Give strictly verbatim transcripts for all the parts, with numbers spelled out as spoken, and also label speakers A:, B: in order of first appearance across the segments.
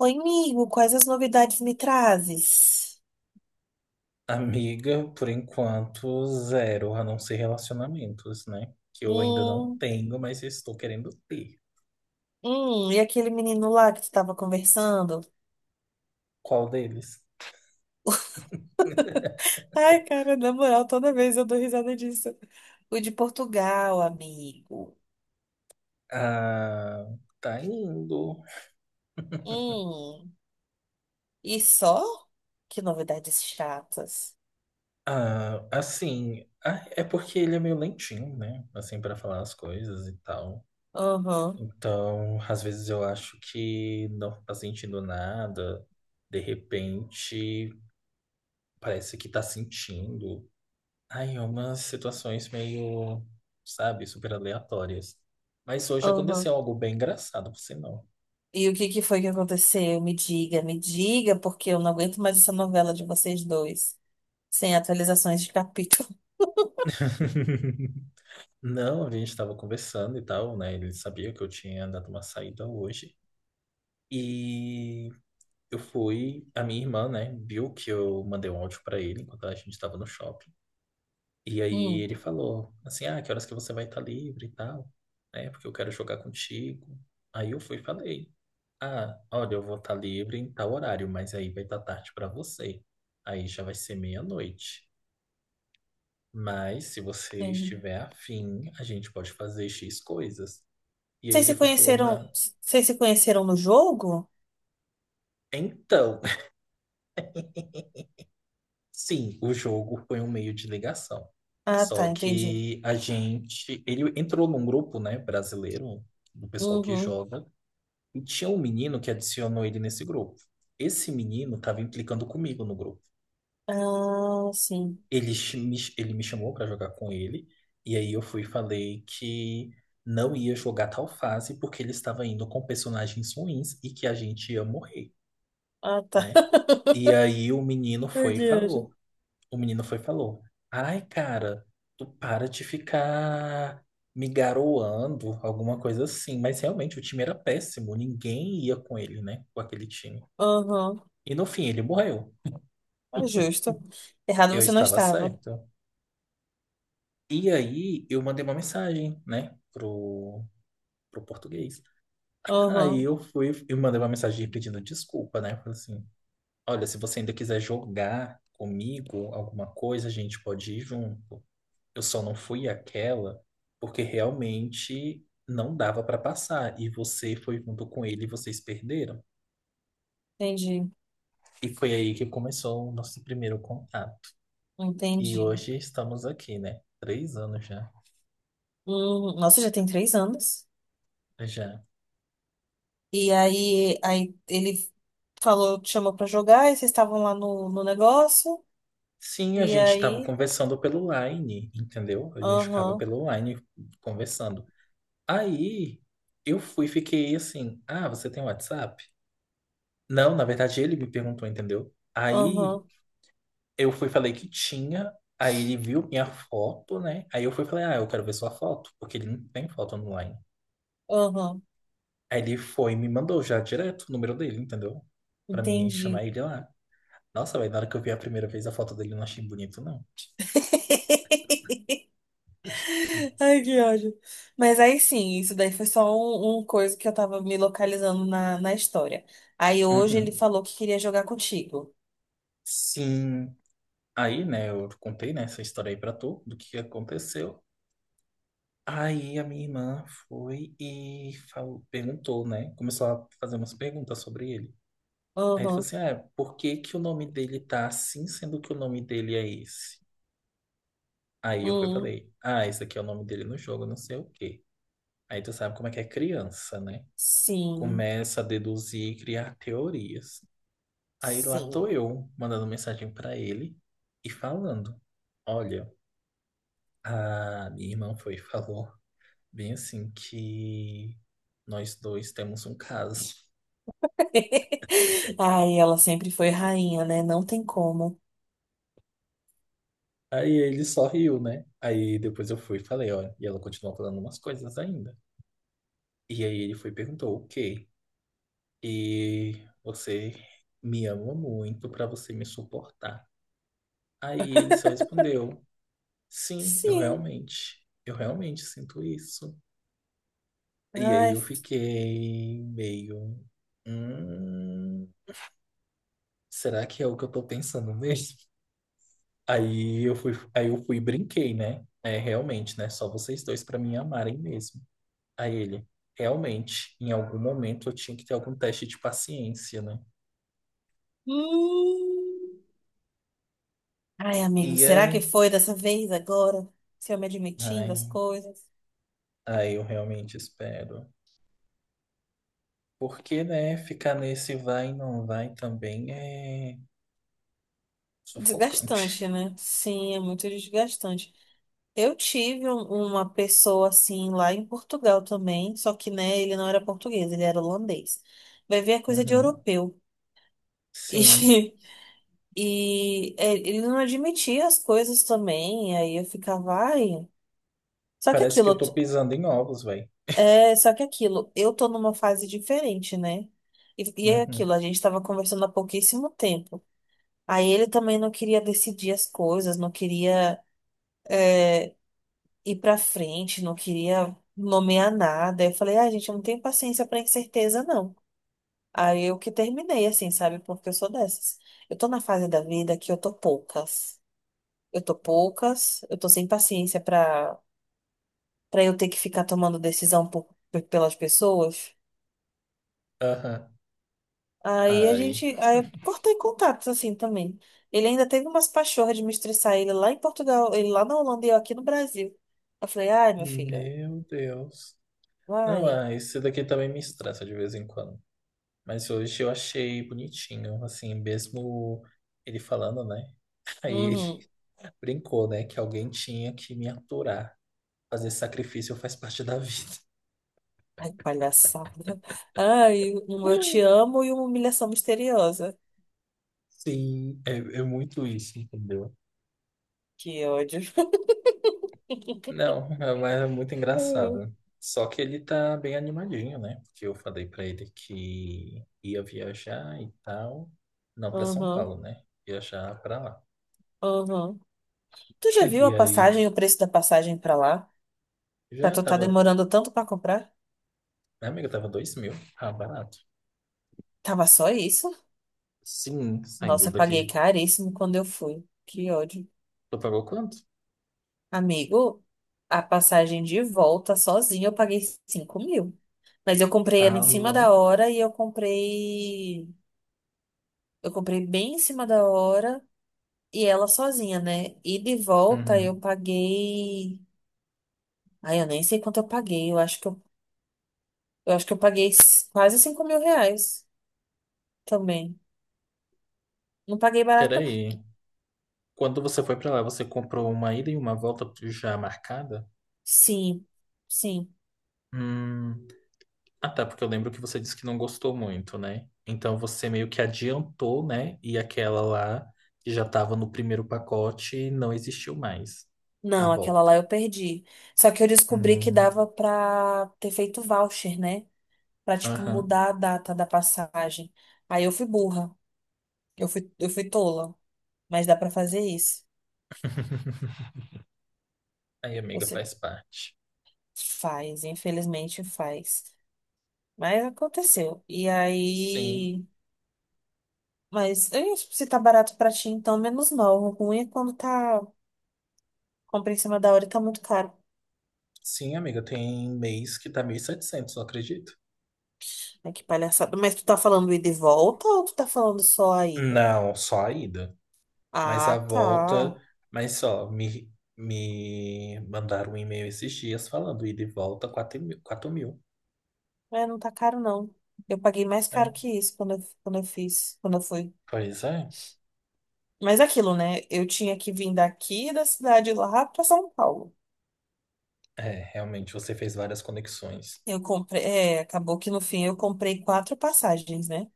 A: Oi, amigo, quais as novidades me trazes?
B: Amiga, por enquanto, zero, a não ser relacionamentos, né? Que eu ainda não
A: Hum,
B: tenho, mas estou querendo ter.
A: hum, e aquele menino lá que tu tava conversando?
B: Qual deles?
A: Ai, cara, na moral, toda vez eu dou risada disso. O de Portugal, amigo.
B: Ah, tá indo.
A: Hum, e só? Que novidades chatas.
B: Ah, assim, ah, é porque ele é meio lentinho, né? Assim, para falar as coisas e tal.
A: Aham,
B: Então, às vezes eu acho que não tá sentindo nada. De repente, parece que tá sentindo. Ai, umas situações meio, sabe, super aleatórias. Mas hoje
A: aham.
B: aconteceu algo bem engraçado, por sinal.
A: E o que que foi que aconteceu? Me diga, me diga, porque eu não aguento mais essa novela de vocês dois, sem atualizações de capítulo.
B: Não, a gente estava conversando e tal, né? Ele sabia que eu tinha dado uma saída hoje. E eu fui, a minha irmã, né, viu que eu mandei um áudio para ele enquanto a gente estava no shopping. E aí
A: Hum,
B: ele falou assim: "Ah, que horas que você vai estar livre e tal?" Né? Porque eu quero jogar contigo. Aí eu fui e falei. Ah, olha, eu vou estar livre em tal horário, mas aí vai estar tarde para você. Aí já vai ser meia-noite. Mas se você
A: sim.
B: estiver afim, a gente pode fazer X coisas. E aí
A: Vocês
B: ele
A: se
B: foi e falou:
A: conheceram,
B: não.
A: vocês se conheceram no jogo?
B: Então, sim, o jogo foi um meio de ligação.
A: Ah, tá,
B: Só
A: entendi.
B: que a gente. Ele entrou num grupo, né, brasileiro, do pessoal que
A: Uhum.
B: joga, e tinha um menino que adicionou ele nesse grupo. Esse menino estava implicando comigo no grupo.
A: Ah, sim.
B: ele, ch- me- ele me chamou para jogar com ele, e aí eu fui e falei que não ia jogar tal fase porque ele estava indo com personagens ruins e que a gente ia morrer,
A: Ah, tá.
B: né? E aí o menino
A: Ai,
B: foi e
A: que anjo.
B: falou. O menino foi e falou: Ai, cara, tu para de ficar me garoando, alguma coisa assim. Mas realmente o time era péssimo, ninguém ia com ele, né? Com aquele time.
A: Uhum.
B: E no fim ele morreu.
A: É justo. Errado
B: Eu
A: você não
B: estava
A: estava.
B: certo. E aí eu mandei uma mensagem, né, pro, pro português. Aí
A: Uhum.
B: eu fui e mandei uma mensagem pedindo desculpa, né? Falei assim: olha, se você ainda quiser jogar comigo alguma coisa, a gente pode ir junto. Eu só não fui aquela porque realmente não dava para passar e você foi junto com ele e vocês perderam.
A: Entendi.
B: E foi aí que começou o nosso primeiro contato. E
A: Entendi.
B: hoje estamos aqui, né? Três anos já.
A: Uhum. Nossa, já tem três anos.
B: Já.
A: E aí, aí ele falou, te chamou pra jogar, e vocês estavam lá no, no negócio.
B: Sim, a
A: E
B: gente estava
A: aí,
B: conversando pelo Line, entendeu? A gente ficava
A: aham,
B: pelo Line conversando. Aí eu fui, fiquei assim, ah, você tem WhatsApp? Não, na verdade ele me perguntou, entendeu? Aí
A: aham,
B: eu fui, falei que tinha, aí ele viu minha foto, né? Aí eu fui, falei, ah, eu quero ver sua foto, porque ele não tem foto online.
A: aham.
B: Aí ele foi e me mandou já direto o número dele, entendeu? Pra mim
A: Entendi.
B: chamar ele lá. Nossa, velho, na hora que eu vi a primeira vez a foto dele, eu não achei bonito, não.
A: Ai, que ódio. Mas aí sim, isso daí foi só um, um coisa que eu tava me localizando na, na história. Aí hoje ele
B: Uhum.
A: falou que queria jogar contigo.
B: Sim. Aí, né, eu contei, né, essa história aí pra tu, do que aconteceu. Aí a minha irmã foi e falou, perguntou, né? Começou a fazer umas perguntas sobre ele. Aí ele falou
A: Uhum.
B: assim: Ah, por que que o nome dele tá assim, sendo que o nome dele é esse? Aí eu fui e
A: Hum,
B: falei: Ah, esse aqui é o nome dele no jogo, não sei o quê. Aí tu sabe como é que é criança, né?
A: sim,
B: Começa a deduzir e criar teorias. Aí lá tô
A: sim.
B: eu, mandando mensagem pra ele e falando: Olha, a minha irmã foi e falou. Bem assim que nós dois temos um caso.
A: Ai, ela sempre foi rainha, né? Não tem como.
B: Aí ele só riu, né? Aí depois eu fui e falei, olha e ela continuou falando umas coisas ainda. E aí ele foi e perguntou, o quê? E você me ama muito pra você me suportar. Aí ele só respondeu, sim, eu
A: Sim.
B: realmente, eu realmente sinto isso. E aí
A: Ai,
B: eu fiquei meio, hum, será que é o que eu tô pensando mesmo? Aí eu fui, aí eu fui e brinquei, né? É, realmente, né? Só vocês dois pra me amarem mesmo. Aí ele, realmente, em algum momento eu tinha que ter algum teste de paciência, né?
A: hum. Ai, amigo,
B: E
A: será que
B: aí,
A: foi dessa vez agora? Se eu me admitindo as
B: ai,
A: coisas?
B: aí eu realmente espero. Porque, né, ficar nesse vai e não vai também é sufocante.
A: Desgastante, né? Sim, é muito desgastante. Eu tive um- uma pessoa assim lá em Portugal também, só que, né, ele não era português, ele era holandês. Vai ver a coisa de
B: Uhum.
A: europeu. E,
B: Sim.
A: e é, ele não admitia as coisas também, aí eu ficava, ai. Só que
B: Parece que
A: aquilo,
B: eu
A: eu
B: tô
A: t-
B: pisando em ovos, velho.
A: é, só que aquilo, eu tô numa fase diferente, né? E, e é aquilo,
B: Uhum.
A: a gente tava conversando há pouquíssimo tempo. Aí ele também não queria decidir as coisas, não queria ir pra frente, não queria nomear nada. Eu falei, ah, gente, eu não tenho paciência pra incerteza, não. Aí eu que terminei, assim, sabe? Porque eu sou dessas. Eu tô na fase da vida que eu tô poucas. Eu tô poucas, eu tô sem paciência pra, pra eu ter que ficar tomando decisão por, por- pelas pessoas.
B: Aham.
A: Aí a
B: Ai.
A: gente, aí eu cortei contatos, assim, também. Ele ainda teve umas pachorras de me estressar, ele lá em Portugal, ele lá na Holanda e eu aqui no Brasil. Eu falei, ai, meu filho,
B: Meu Deus. Não,
A: vai.
B: ah, esse daqui também me estressa de vez em quando. Mas hoje eu achei bonitinho, assim, mesmo ele falando, né? Aí ele
A: Uhum.
B: brincou, né? Que alguém tinha que me aturar. Fazer sacrifício faz parte da vida.
A: Ai, que palhaçada. Ai, um eu te amo e uma humilhação misteriosa.
B: Sim, é, é muito isso, entendeu?
A: Que ódio.
B: Não, é- mas é muito
A: Uhum,
B: engraçado. Só que ele tá bem animadinho, né? Porque eu falei pra ele que ia viajar e tal. Não, pra São Paulo, né? Viajar pra lá.
A: uhum. Tu já viu
B: E
A: a
B: aí,
A: passagem, o preço da passagem pra lá? Tá,
B: já
A: tu tá
B: tava.
A: demorando tanto pra comprar?
B: Minha amiga tava dois mil. Ah, barato.
A: Tava só isso?
B: Sim, saindo
A: Nossa, eu paguei
B: daqui
A: caríssimo quando eu fui. Que ódio.
B: Tu pagou quanto?
A: Amigo, a passagem de volta sozinha eu paguei cinco mil. Mas eu comprei
B: Tá
A: ela em cima da
B: louco.
A: hora e eu comprei. Eu comprei bem em cima da hora. E ela sozinha, né? E de volta eu
B: Uhum.
A: paguei. Ai, eu nem sei quanto eu paguei. Eu acho que eu, eu acho que eu paguei s- quase cinco mil reais também. Não paguei barato, não.
B: Peraí. Quando você foi pra lá, você comprou uma ida e uma volta já marcada?
A: Sim, sim.
B: Hum. Ah, tá, porque eu lembro que você disse que não gostou muito, né? Então você meio que adiantou, né? E aquela lá que já tava no primeiro pacote não existiu mais. A
A: Não, aquela
B: volta.
A: lá eu perdi. Só que eu descobri que
B: Hum.
A: dava pra ter feito voucher, né? Pra, tipo,
B: Aham.
A: mudar a data da passagem. Aí eu fui burra. Eu fui, eu fui tola. Mas dá pra fazer isso.
B: Aí, amiga,
A: Você
B: faz parte.
A: faz, infelizmente faz. Mas aconteceu. E
B: Sim.
A: aí. Mas eu, tipo, se tá barato pra ti, então menos mal. O ruim é quando tá. Compra em cima da hora e tá muito caro.
B: Sim, amiga, tem mês que tá mil e setecentos, não acredito.
A: Ai, que palhaçada. Mas tu tá falando ida e volta ou tu tá falando só a ida?
B: Não, só a ida. Mas a
A: Ah, tá.
B: volta, mas só, me, me mandaram um e-mail esses dias falando ida e volta quatro mil. Quatro mil.
A: É, não tá caro, não. Eu paguei mais caro
B: É,
A: que isso quando eu, quando eu fiz, quando eu fui.
B: pois é.
A: Mas é aquilo, né? Eu tinha que vir daqui da cidade lá pra São Paulo.
B: É, realmente você fez várias conexões.
A: Eu comprei. É, acabou que no fim eu comprei quatro passagens, né?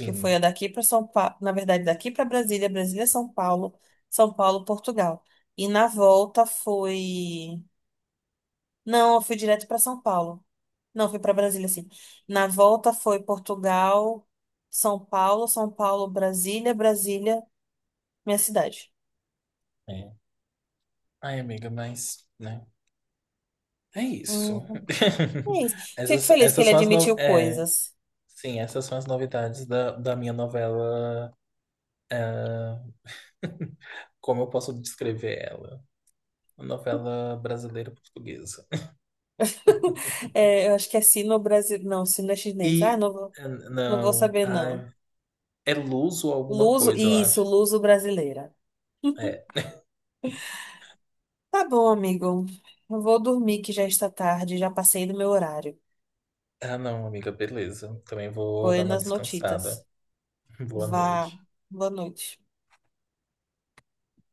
A: Que foi a daqui para São Paulo, na verdade, daqui para Brasília, Brasília, São Paulo, São Paulo, Portugal. E na volta foi. Não, eu fui direto para São Paulo. Não, fui para Brasília, sim. Na volta foi Portugal, São Paulo, São Paulo, Brasília, Brasília, minha cidade.
B: É. Ai, amiga, mas, né? É isso.
A: Uhum. É isso. Fico
B: Essas,
A: feliz que
B: essas
A: ele
B: são as no...
A: admitiu
B: é,
A: coisas.
B: sim, essas são as novidades da, da minha novela. Como eu posso descrever ela? Uma novela brasileira portuguesa.
A: É, eu acho que é sino brasileiro. Não, sino é chinês. Ah,
B: E
A: não vou,
B: eh,
A: não vou
B: não,
A: saber, não.
B: ai, É luz ou alguma
A: Luso,
B: coisa, eu
A: isso,
B: acho.
A: luso brasileira.
B: É.
A: Tá bom, amigo. Eu vou dormir que já está tarde, já passei do meu horário.
B: Ah, não, amiga, beleza. Também vou dar uma
A: Buenas
B: descansada.
A: notitas.
B: Boa
A: Vá.
B: noite.
A: Boa noite.